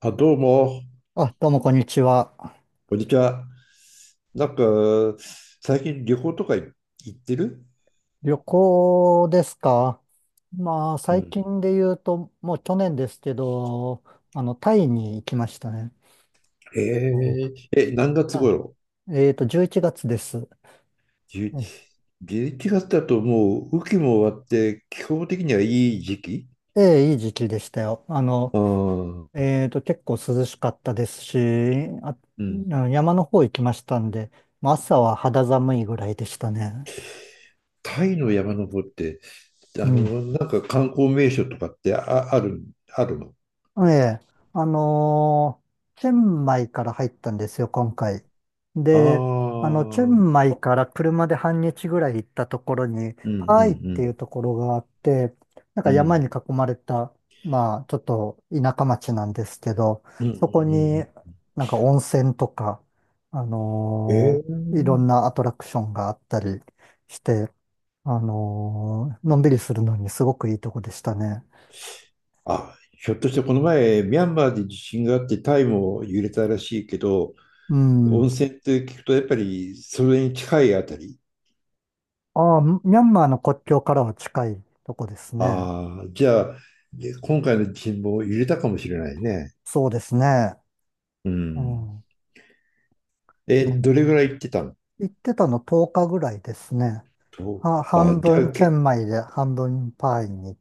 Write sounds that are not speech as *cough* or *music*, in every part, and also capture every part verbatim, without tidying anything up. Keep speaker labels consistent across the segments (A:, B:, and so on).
A: あ、どうも、
B: あ、どうもこんにちは。
A: こんにちは。なんか、最近旅行とか行ってる？
B: 旅行ですか？まあ、
A: う
B: 最
A: ん。
B: 近で言うと、もう去年ですけど、あの、タイに行きましたね。
A: へ
B: おう
A: ええ、何月
B: あ、
A: 頃？
B: えっと、じゅういちがつです。
A: じゅ
B: え
A: ?じゅういち 月だともう雨季も終わって、気候的にはいい時期。
B: え、ええ、いい時期でしたよ。あの、
A: ああ。
B: えっと、結構涼しかったですし、あ、あ
A: うん。
B: の山の方行きましたんで、まあ朝は肌寒いぐらいでしたね。
A: タイの山登って、あ
B: うん。
A: の、なんか観光名所とかってあ、ある、あるの？
B: ええ、あのーチェンマイから入ったんですよ、今回。で、
A: ああ
B: あの、チェン
A: ー。
B: マイから車で半日ぐらい行ったところに、
A: うんう
B: パーイってい
A: ん
B: うところがあって、なん
A: う
B: か
A: ん。う
B: 山に囲
A: ん。
B: まれた、まあ、ちょっと田舎町なんですけど、
A: うんう
B: そこに
A: ん
B: なんか温泉とか、あ
A: うんう
B: のーいろ
A: ん。え
B: ん
A: え。
B: なアトラクションがあったりして、あのーのんびりするのにすごくいいとこでしたね。
A: あ、ひょっとしてこの前、ミャンマーで地震があってタイも揺れたらしいけど、
B: う
A: 温
B: ん。
A: 泉って聞くとやっぱりそれに近いあたり？
B: ああ、ミャンマーの国境からは近いとこですね。
A: ああ、じゃあ、で今回の地震も揺れたかもしれないね。
B: そうですね。
A: う
B: う
A: ん。
B: ん。
A: え、
B: ね、
A: どれぐらい行ってたの？
B: 行ってたのとおかぐらいですね。
A: と、
B: は、
A: あ、
B: 半
A: じゃ
B: 分
A: あ、
B: チェ
A: け、
B: ンマイで半分パーイに、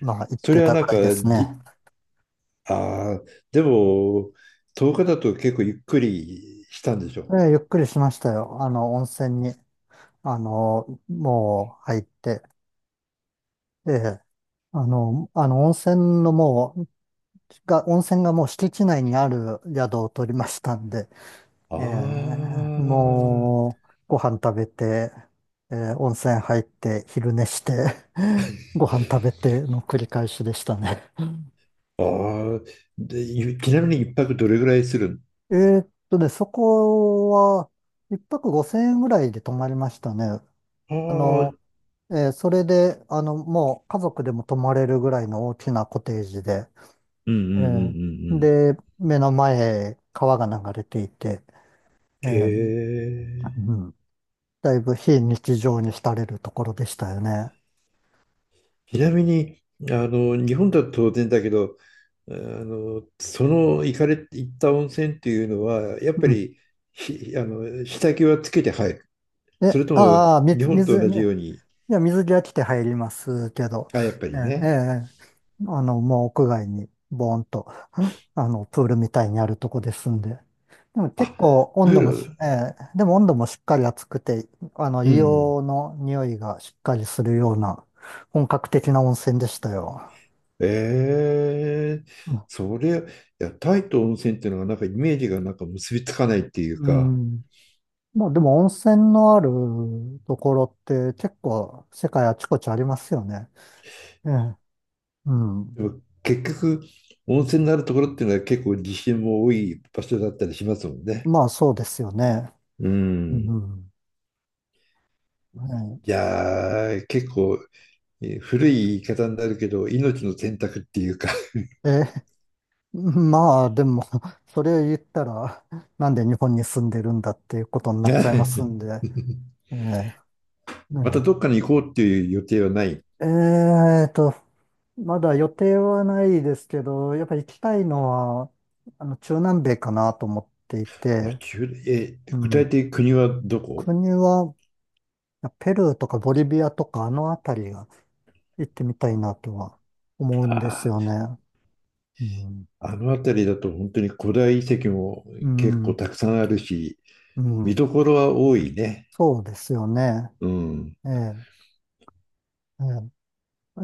B: まあ、行っ
A: そ
B: て
A: れは
B: た
A: な
B: ぐ
A: ん
B: ら
A: か、
B: いですね。
A: じ、ああ、でも、とおかだと結構ゆっくりしたんでしょ
B: で、ゆっくりしましたよ。あの、温泉に、あの、もう入って、ええ、あの、あの、温泉のもう、が、温泉がもう敷地内にある宿を取りましたんで、
A: う？
B: ええ、
A: あ
B: もう、ご飯食べて、ええ、温泉入って、昼寝して、*laughs* ご飯食べての繰り返しでしたね。
A: あ、ああ、で、ゆちなみに一泊どれぐらいする
B: えーっとね、そこは、一泊五千円ぐらいで泊まりましたね。あ
A: の？あ
B: の、
A: あ。
B: えーそれで、あの、もう家族でも泊まれるぐらいの大きなコテージで、
A: うんうん
B: え
A: うん
B: ー
A: うんうん。
B: で、目の前、川が流れていて、え
A: へ
B: ー
A: え。
B: うん、だいぶ非日常に浸れるところでしたよね。
A: ちなみに、あの、日本だと当然だけど、あの、その行かれ、行った温泉っていうのは、やっぱ
B: う
A: り、ひ、あの、下着はつけて入る？そ
B: え、
A: れとも、
B: ああ、
A: 日
B: 水、
A: 本と
B: 水、
A: 同じよ
B: ね、
A: うに？
B: いや、水着は着て入りますけど、
A: あ、やっぱり
B: ね、え
A: ね。
B: え、あの、もう屋外に、ボーンと、*laughs* あの、プールみたいにあるとこですんで。でも結
A: あ、
B: 構
A: プ
B: 温
A: ー
B: 度もし、
A: ル。
B: ええ、でも温度もしっかり暑くて、あの、
A: うん。
B: 硫黄の匂いがしっかりするような、本格的な温泉でしたよ。
A: ええ。
B: うん。
A: それ、いや、タイと温泉っていうのがなんかイメージがなんか結びつかないっていう
B: う
A: か。
B: ん、まあでも温泉のあるところって結構世界あちこちありますよね。ええ。うん。
A: でも結局、温泉のあるところっていうのは結構地震も多い場所だったりしますもんね。
B: まあそうですよね。
A: う
B: う
A: ん。い
B: ん。は
A: やー、結構えー古い言い方になるけど、命の選択っていうか。
B: い、え、*laughs* まあでも、*laughs* それ言ったら、*laughs* なんで日本に住んでるんだっていうことになっちゃいますん
A: *laughs*
B: で。ええ、
A: また
B: ね、
A: どっかに行こうっていう予定はない？
B: ええーと、まだ予定はないですけど、やっぱ行きたいのは、あの、中南米かなと思ってい
A: あ、
B: て、
A: 中え、
B: う
A: 具体
B: ん。
A: 的に国はどこ？
B: 国は、ペルーとかボリビアとかあの辺りが行ってみたいなとは思うんですよ
A: あ
B: ね。うん。
A: ー、あの辺りだと本当に古代遺跡も
B: う
A: 結構
B: ん。
A: たくさんあるし、
B: う
A: 見
B: ん。
A: どころは多いね。
B: そうですよね。
A: うん。
B: ええ、え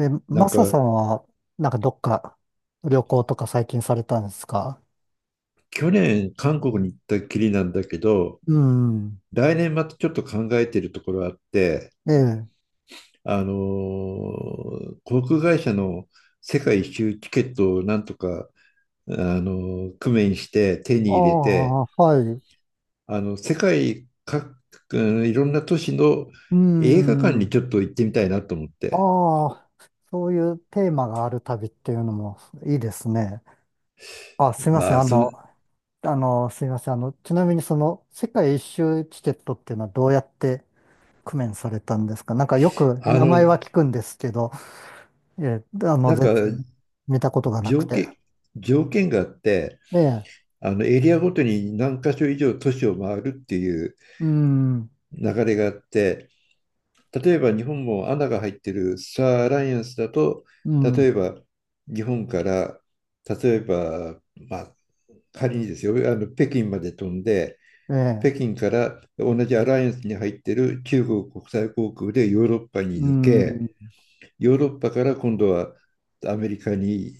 B: え、え、
A: な
B: マ
A: ん
B: サさ
A: か、
B: んは、なんかどっか旅行とか最近されたんですか？
A: 去年韓国に行ったきりなんだけど、
B: うん。
A: 来年またちょっと考えているところあって、
B: ええ。
A: あのー航空会社の世界一周チケットをなんとか、あのー、工面して手
B: あ
A: に入れて、
B: あ、はい。
A: あの、世界各、うん、いろんな都市の
B: う
A: 映画館に
B: ん。
A: ちょっと行ってみたいなと思って。
B: ああ、そういうテーマがある旅っていうのもいいですね。あ、すいませ
A: ま
B: ん。
A: あ、
B: あ
A: その、
B: の、あの、すいません。あの、ちなみにその世界一周チケットっていうのはどうやって工面されたんですか？なんかよく
A: あ
B: 名前
A: の、
B: は聞くんですけど、ええ、あの、
A: なんか
B: 全然見たことがな
A: 条
B: くて。
A: 件、条件があって、
B: ええ、
A: あのエリアごとに何箇所以上都市を回るっていう
B: うん、
A: 流れがあって、例えば日本も穴が入ってるスターアライアンスだと、
B: う
A: 例
B: ん、
A: えば日本から、例えば、まあ、仮にですよ、あの北京まで飛んで、
B: え
A: 北
B: え、
A: 京から同じアライアンスに入ってる中国国際航空でヨーロッパに
B: う
A: 抜
B: ん、
A: け、ヨーロッパから今度はアメリカに、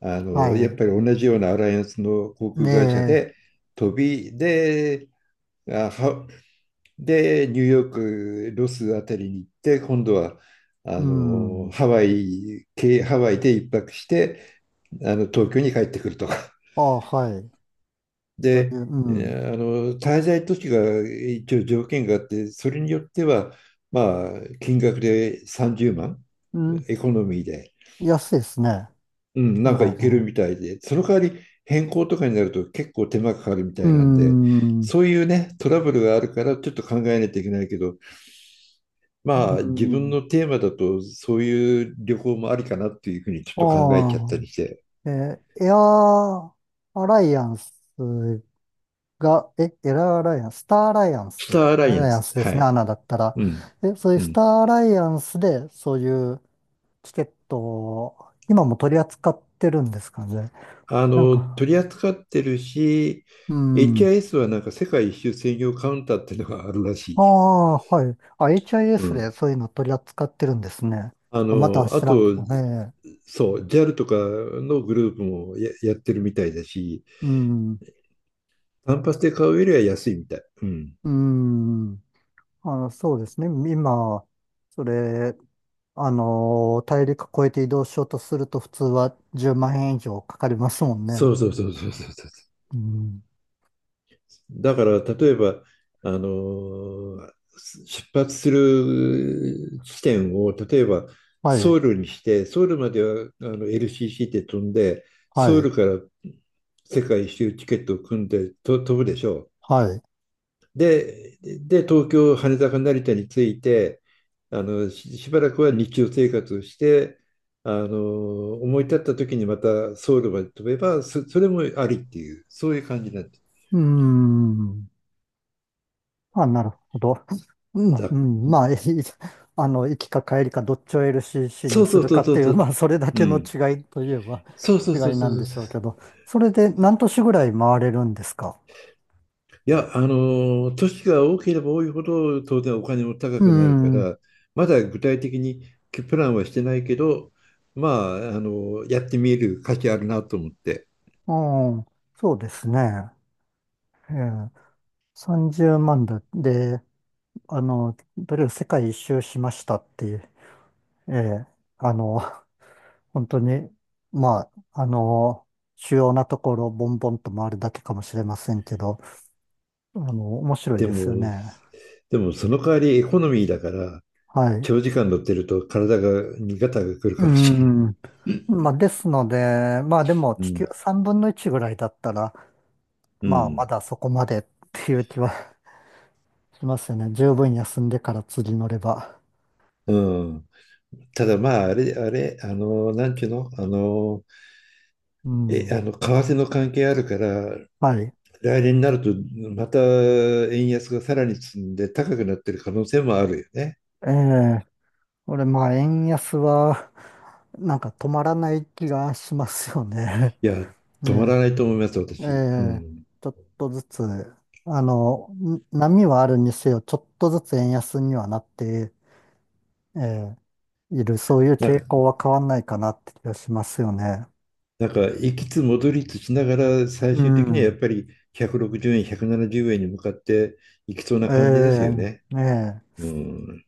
A: あ
B: は
A: の、やっ
B: い、
A: ぱり同じようなアライアンスの航
B: ね
A: 空会社
B: え、
A: で飛び、で、あハで、ニューヨーク、ロスあたりに行って、今度はあ
B: う
A: の
B: ん、
A: ハワイ、けハワイで一泊して、あの東京に帰ってくるとか。*laughs*
B: ああ、はい、そう
A: で、
B: いう、う
A: え
B: ん、
A: ーあの滞在都市が一応条件があって、それによっては、まあ、金額でさんじゅうまん、
B: うん、
A: エコノミーで、
B: 安いですね、
A: うん、な
B: 今
A: んか
B: だ
A: い
B: と
A: ける
B: ね。
A: みたいで、その代わり変更とかになると結構手間かかるみ
B: う
A: たいなんで、
B: ん、う
A: そういうね、トラブルがあるからちょっと考えないといけないけど、まあ、自分
B: ん、
A: のテーマだと、そういう旅行もありかなっていうふうにちょっ
B: あ
A: と考えちゃった
B: あ、
A: りして。
B: ええ、エアアライアンスが、え、エアアライアンス、スターアライアン
A: ス
B: ス、
A: ターア
B: エ
A: ラ
B: アア
A: イア
B: ラ
A: ン
B: イアン
A: ス。
B: スで
A: は
B: すね、ア
A: い。
B: ナだったら。
A: うん。
B: え、そういう
A: う
B: ス
A: ん。
B: ターアライアンスで、そういうチケットを、今も取り扱ってるんですかね？
A: あ
B: なん
A: の、
B: か、
A: 取り扱ってるし、
B: うん。
A: エイチアイエス はなんか世界一周専用カウンターっていうのがあるらし
B: あ
A: い。
B: あ、はい。あ、
A: う
B: エイチアイエス で
A: ん。
B: そういうの取り扱ってるんですね。ち
A: あ
B: ょっとまた
A: の、あ
B: 調べて、
A: と、
B: ええ。
A: そう、ジャル とかのグループもや、やってるみたいだし、
B: うん。
A: 単発で買うよりは安いみたい。うん。
B: うん。あ、そうですね。今、それ、あのー大陸越えて移動しようとすると普通はじゅうまん円以上かかりますもんね。
A: そうそうそうそうそうそう。
B: うん。
A: だから例えばあのー出発する地点を例えば
B: は
A: ソ
B: い。
A: ウルにしてソウルまではあの エルシーシー で飛んで
B: は
A: ソウ
B: い。
A: ルから世界一周チケットを組んでと飛ぶでしょう。
B: はい。
A: で、で東京羽田か成田に着いてあのし、しばらくは日常生活をしてあの思い立った時にまたソウルまで飛べばそ、それもありっていうそういう感じなん
B: うん。あ、なるほど。*laughs* うん、
A: だ。
B: うん、まあ、*laughs* いい、あの、行きか帰りかどっちを エルシーシー
A: そ
B: に
A: う
B: す
A: そ
B: る
A: うそ
B: か
A: う
B: っ
A: そ
B: て
A: う
B: い
A: そ
B: う、
A: う。
B: まあ、それだ
A: う
B: けの
A: ん。
B: 違いといえば
A: そうそう
B: 違
A: そう
B: いな
A: そう
B: ん
A: そ
B: で
A: う
B: し
A: そ
B: ょうけ
A: う。
B: ど、それで何都市ぐらい回れるんですか？
A: いや、あのー、年が多ければ多いほど当然お金も高
B: う
A: くなるか
B: ん、う
A: ら、まだ具体的にプランはしてないけど、まあ、あのーやってみる価値あるなと思って。
B: ん、そうですね。ええ、さんじゅうまんだ。で、あの、とりあえず世界一周しましたっていう、ええ、あの、本当に、まあ、あの、主要なところをボンボンと回るだけかもしれませんけど、あの、面白い
A: で
B: ですよ
A: も、
B: ね。
A: でもその代わりエコノミーだから、
B: はい。
A: 長時間乗ってると体が、にガがくる
B: う
A: かもしれない。
B: ん。まあ、ですので、まあでも
A: う
B: 地
A: ん。
B: 球さんぶんのいちぐらいだったら、
A: う
B: まあま
A: ん。
B: だそこまでっていう気は *laughs* しますよね。十分休んでから釣り乗れば。
A: うん。ただまあ、あれ、あれ、あのなんちゅうの、あの
B: う
A: え、
B: ん。
A: あの、為替の関係あるから、
B: はい。
A: 来年になると、また円安がさらに進んで高くなってる可能性もあるよね。
B: ええ、これまあ円安は、なんか止まらない気がしますよね。
A: いや、
B: *laughs*
A: 止まら
B: ね
A: ないと思います、
B: え、え
A: 私。う
B: え、
A: ん。
B: ちょっとずつ、あの、ん波はあるにせよ、ちょっとずつ円安にはなって、ええ、いる、そういう
A: なん
B: 傾
A: か、
B: 向は変わんないかなって気がしますよね。
A: なんか行きつ戻りつしながら、最
B: う
A: 終的にはやっ
B: ん。
A: ぱりひゃくろくじゅうえん、ひゃくななじゅうえんに向かっていきそうな
B: え
A: 感じですよね。
B: え、ね
A: うん。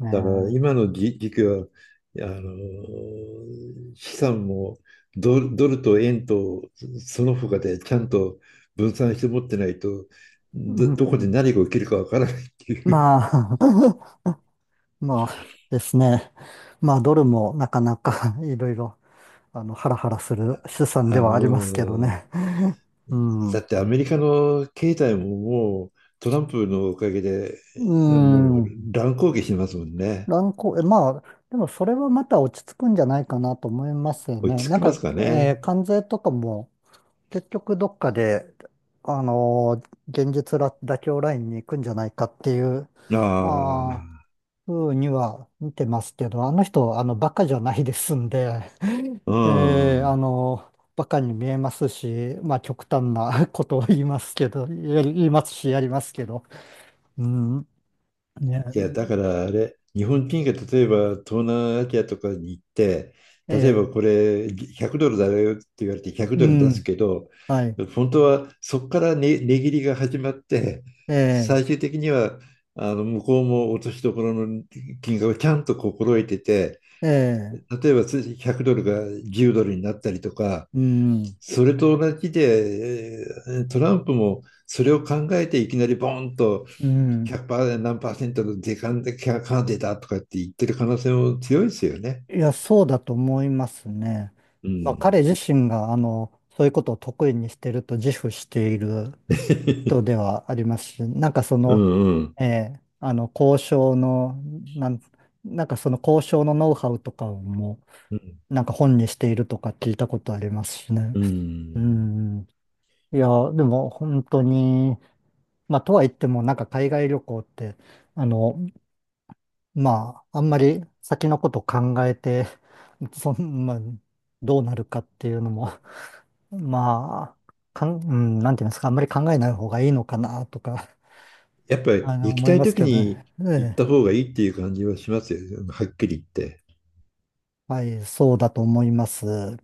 B: え、
A: だから
B: ねえ。
A: 今の時期はあの資産もドル、ドルと円とその他でちゃんと分散して持ってないと
B: う
A: ど、どこで
B: ん、
A: 何が起きるかわからないっていう。
B: まあ、*laughs* まあですね。まあ、ドルもなかなか *laughs* いろいろ、あの、ハラハラする資産
A: *laughs*
B: で
A: あ
B: はありますけど
A: の
B: ね。*laughs* う
A: だ
B: ん。
A: ってアメリカの経済ももうトランプのおかげで
B: う
A: もう
B: ん。
A: 乱高下しますもんね。
B: 乱高、え、まあ、でもそれはまた落ち着くんじゃないかなと思いますよ
A: 落
B: ね。
A: ち着
B: なん
A: きま
B: か、
A: すか
B: え
A: ね。
B: ー関税とかも、結局どっかで、あのー現実ら妥協ラインに行くんじゃないかっていう、
A: あ
B: まあ、
A: あ、
B: ふうには見てますけど、あの人、あの、バカじゃないですんで、
A: う
B: *laughs* えーあ
A: ん。
B: のーバカに見えますし、まあ、極端なことを言いますけど、やり言いますし、やりますけど、うん、ね、
A: いや、だからあれ、日本人が例えば東南アジアとかに行って、例え
B: え
A: ばこれひゃくドルだよって言われてひゃく
B: ーう
A: ドル出す
B: ん、
A: けど、
B: はい、
A: 本当はそこからね、値切りが始まって、
B: え
A: 最終的にはあの向こうも落としどころの金額をちゃんと心得てて、
B: ーえー
A: 例えばひゃくドルがじゅうドルになったりとか、
B: うん、
A: それと同じで、えートランプもそれを考えていきなりボーンと
B: うん。
A: ひゃくパーセント何パーセントの時間でキャカーデだとかって言ってる可能性も強いですよね。
B: いや、そうだと思いますね。
A: う
B: まあ、
A: ん。
B: 彼自身が、あの、そういうことを得意にしてると自負している人
A: *laughs*
B: ではありますし、なんかそ
A: う
B: の、
A: んうん。
B: ええ、あの、交渉の、なん、なんかその交渉のノウハウとかをも
A: うん
B: う、なんか本にしているとか聞いたことありますしね。
A: う
B: う
A: ん。
B: ん。いや、でも本当に、まあ、とは言っても、なんか海外旅行って、あの、まあ、あんまり先のこと考えて、*laughs* そん、まあ、どうなるかっていうのも、*laughs* まあ、かん、うん、なんていうんですか？あんまり考えない方がいいのかなとか、
A: やっぱ
B: あ
A: り
B: の、
A: 行き
B: 思い
A: たい
B: ます
A: 時
B: けどね。
A: に
B: え
A: 行っ
B: え、
A: た方がいいっていう感じはしますよ。はっきり言って。
B: はい、そうだと思います。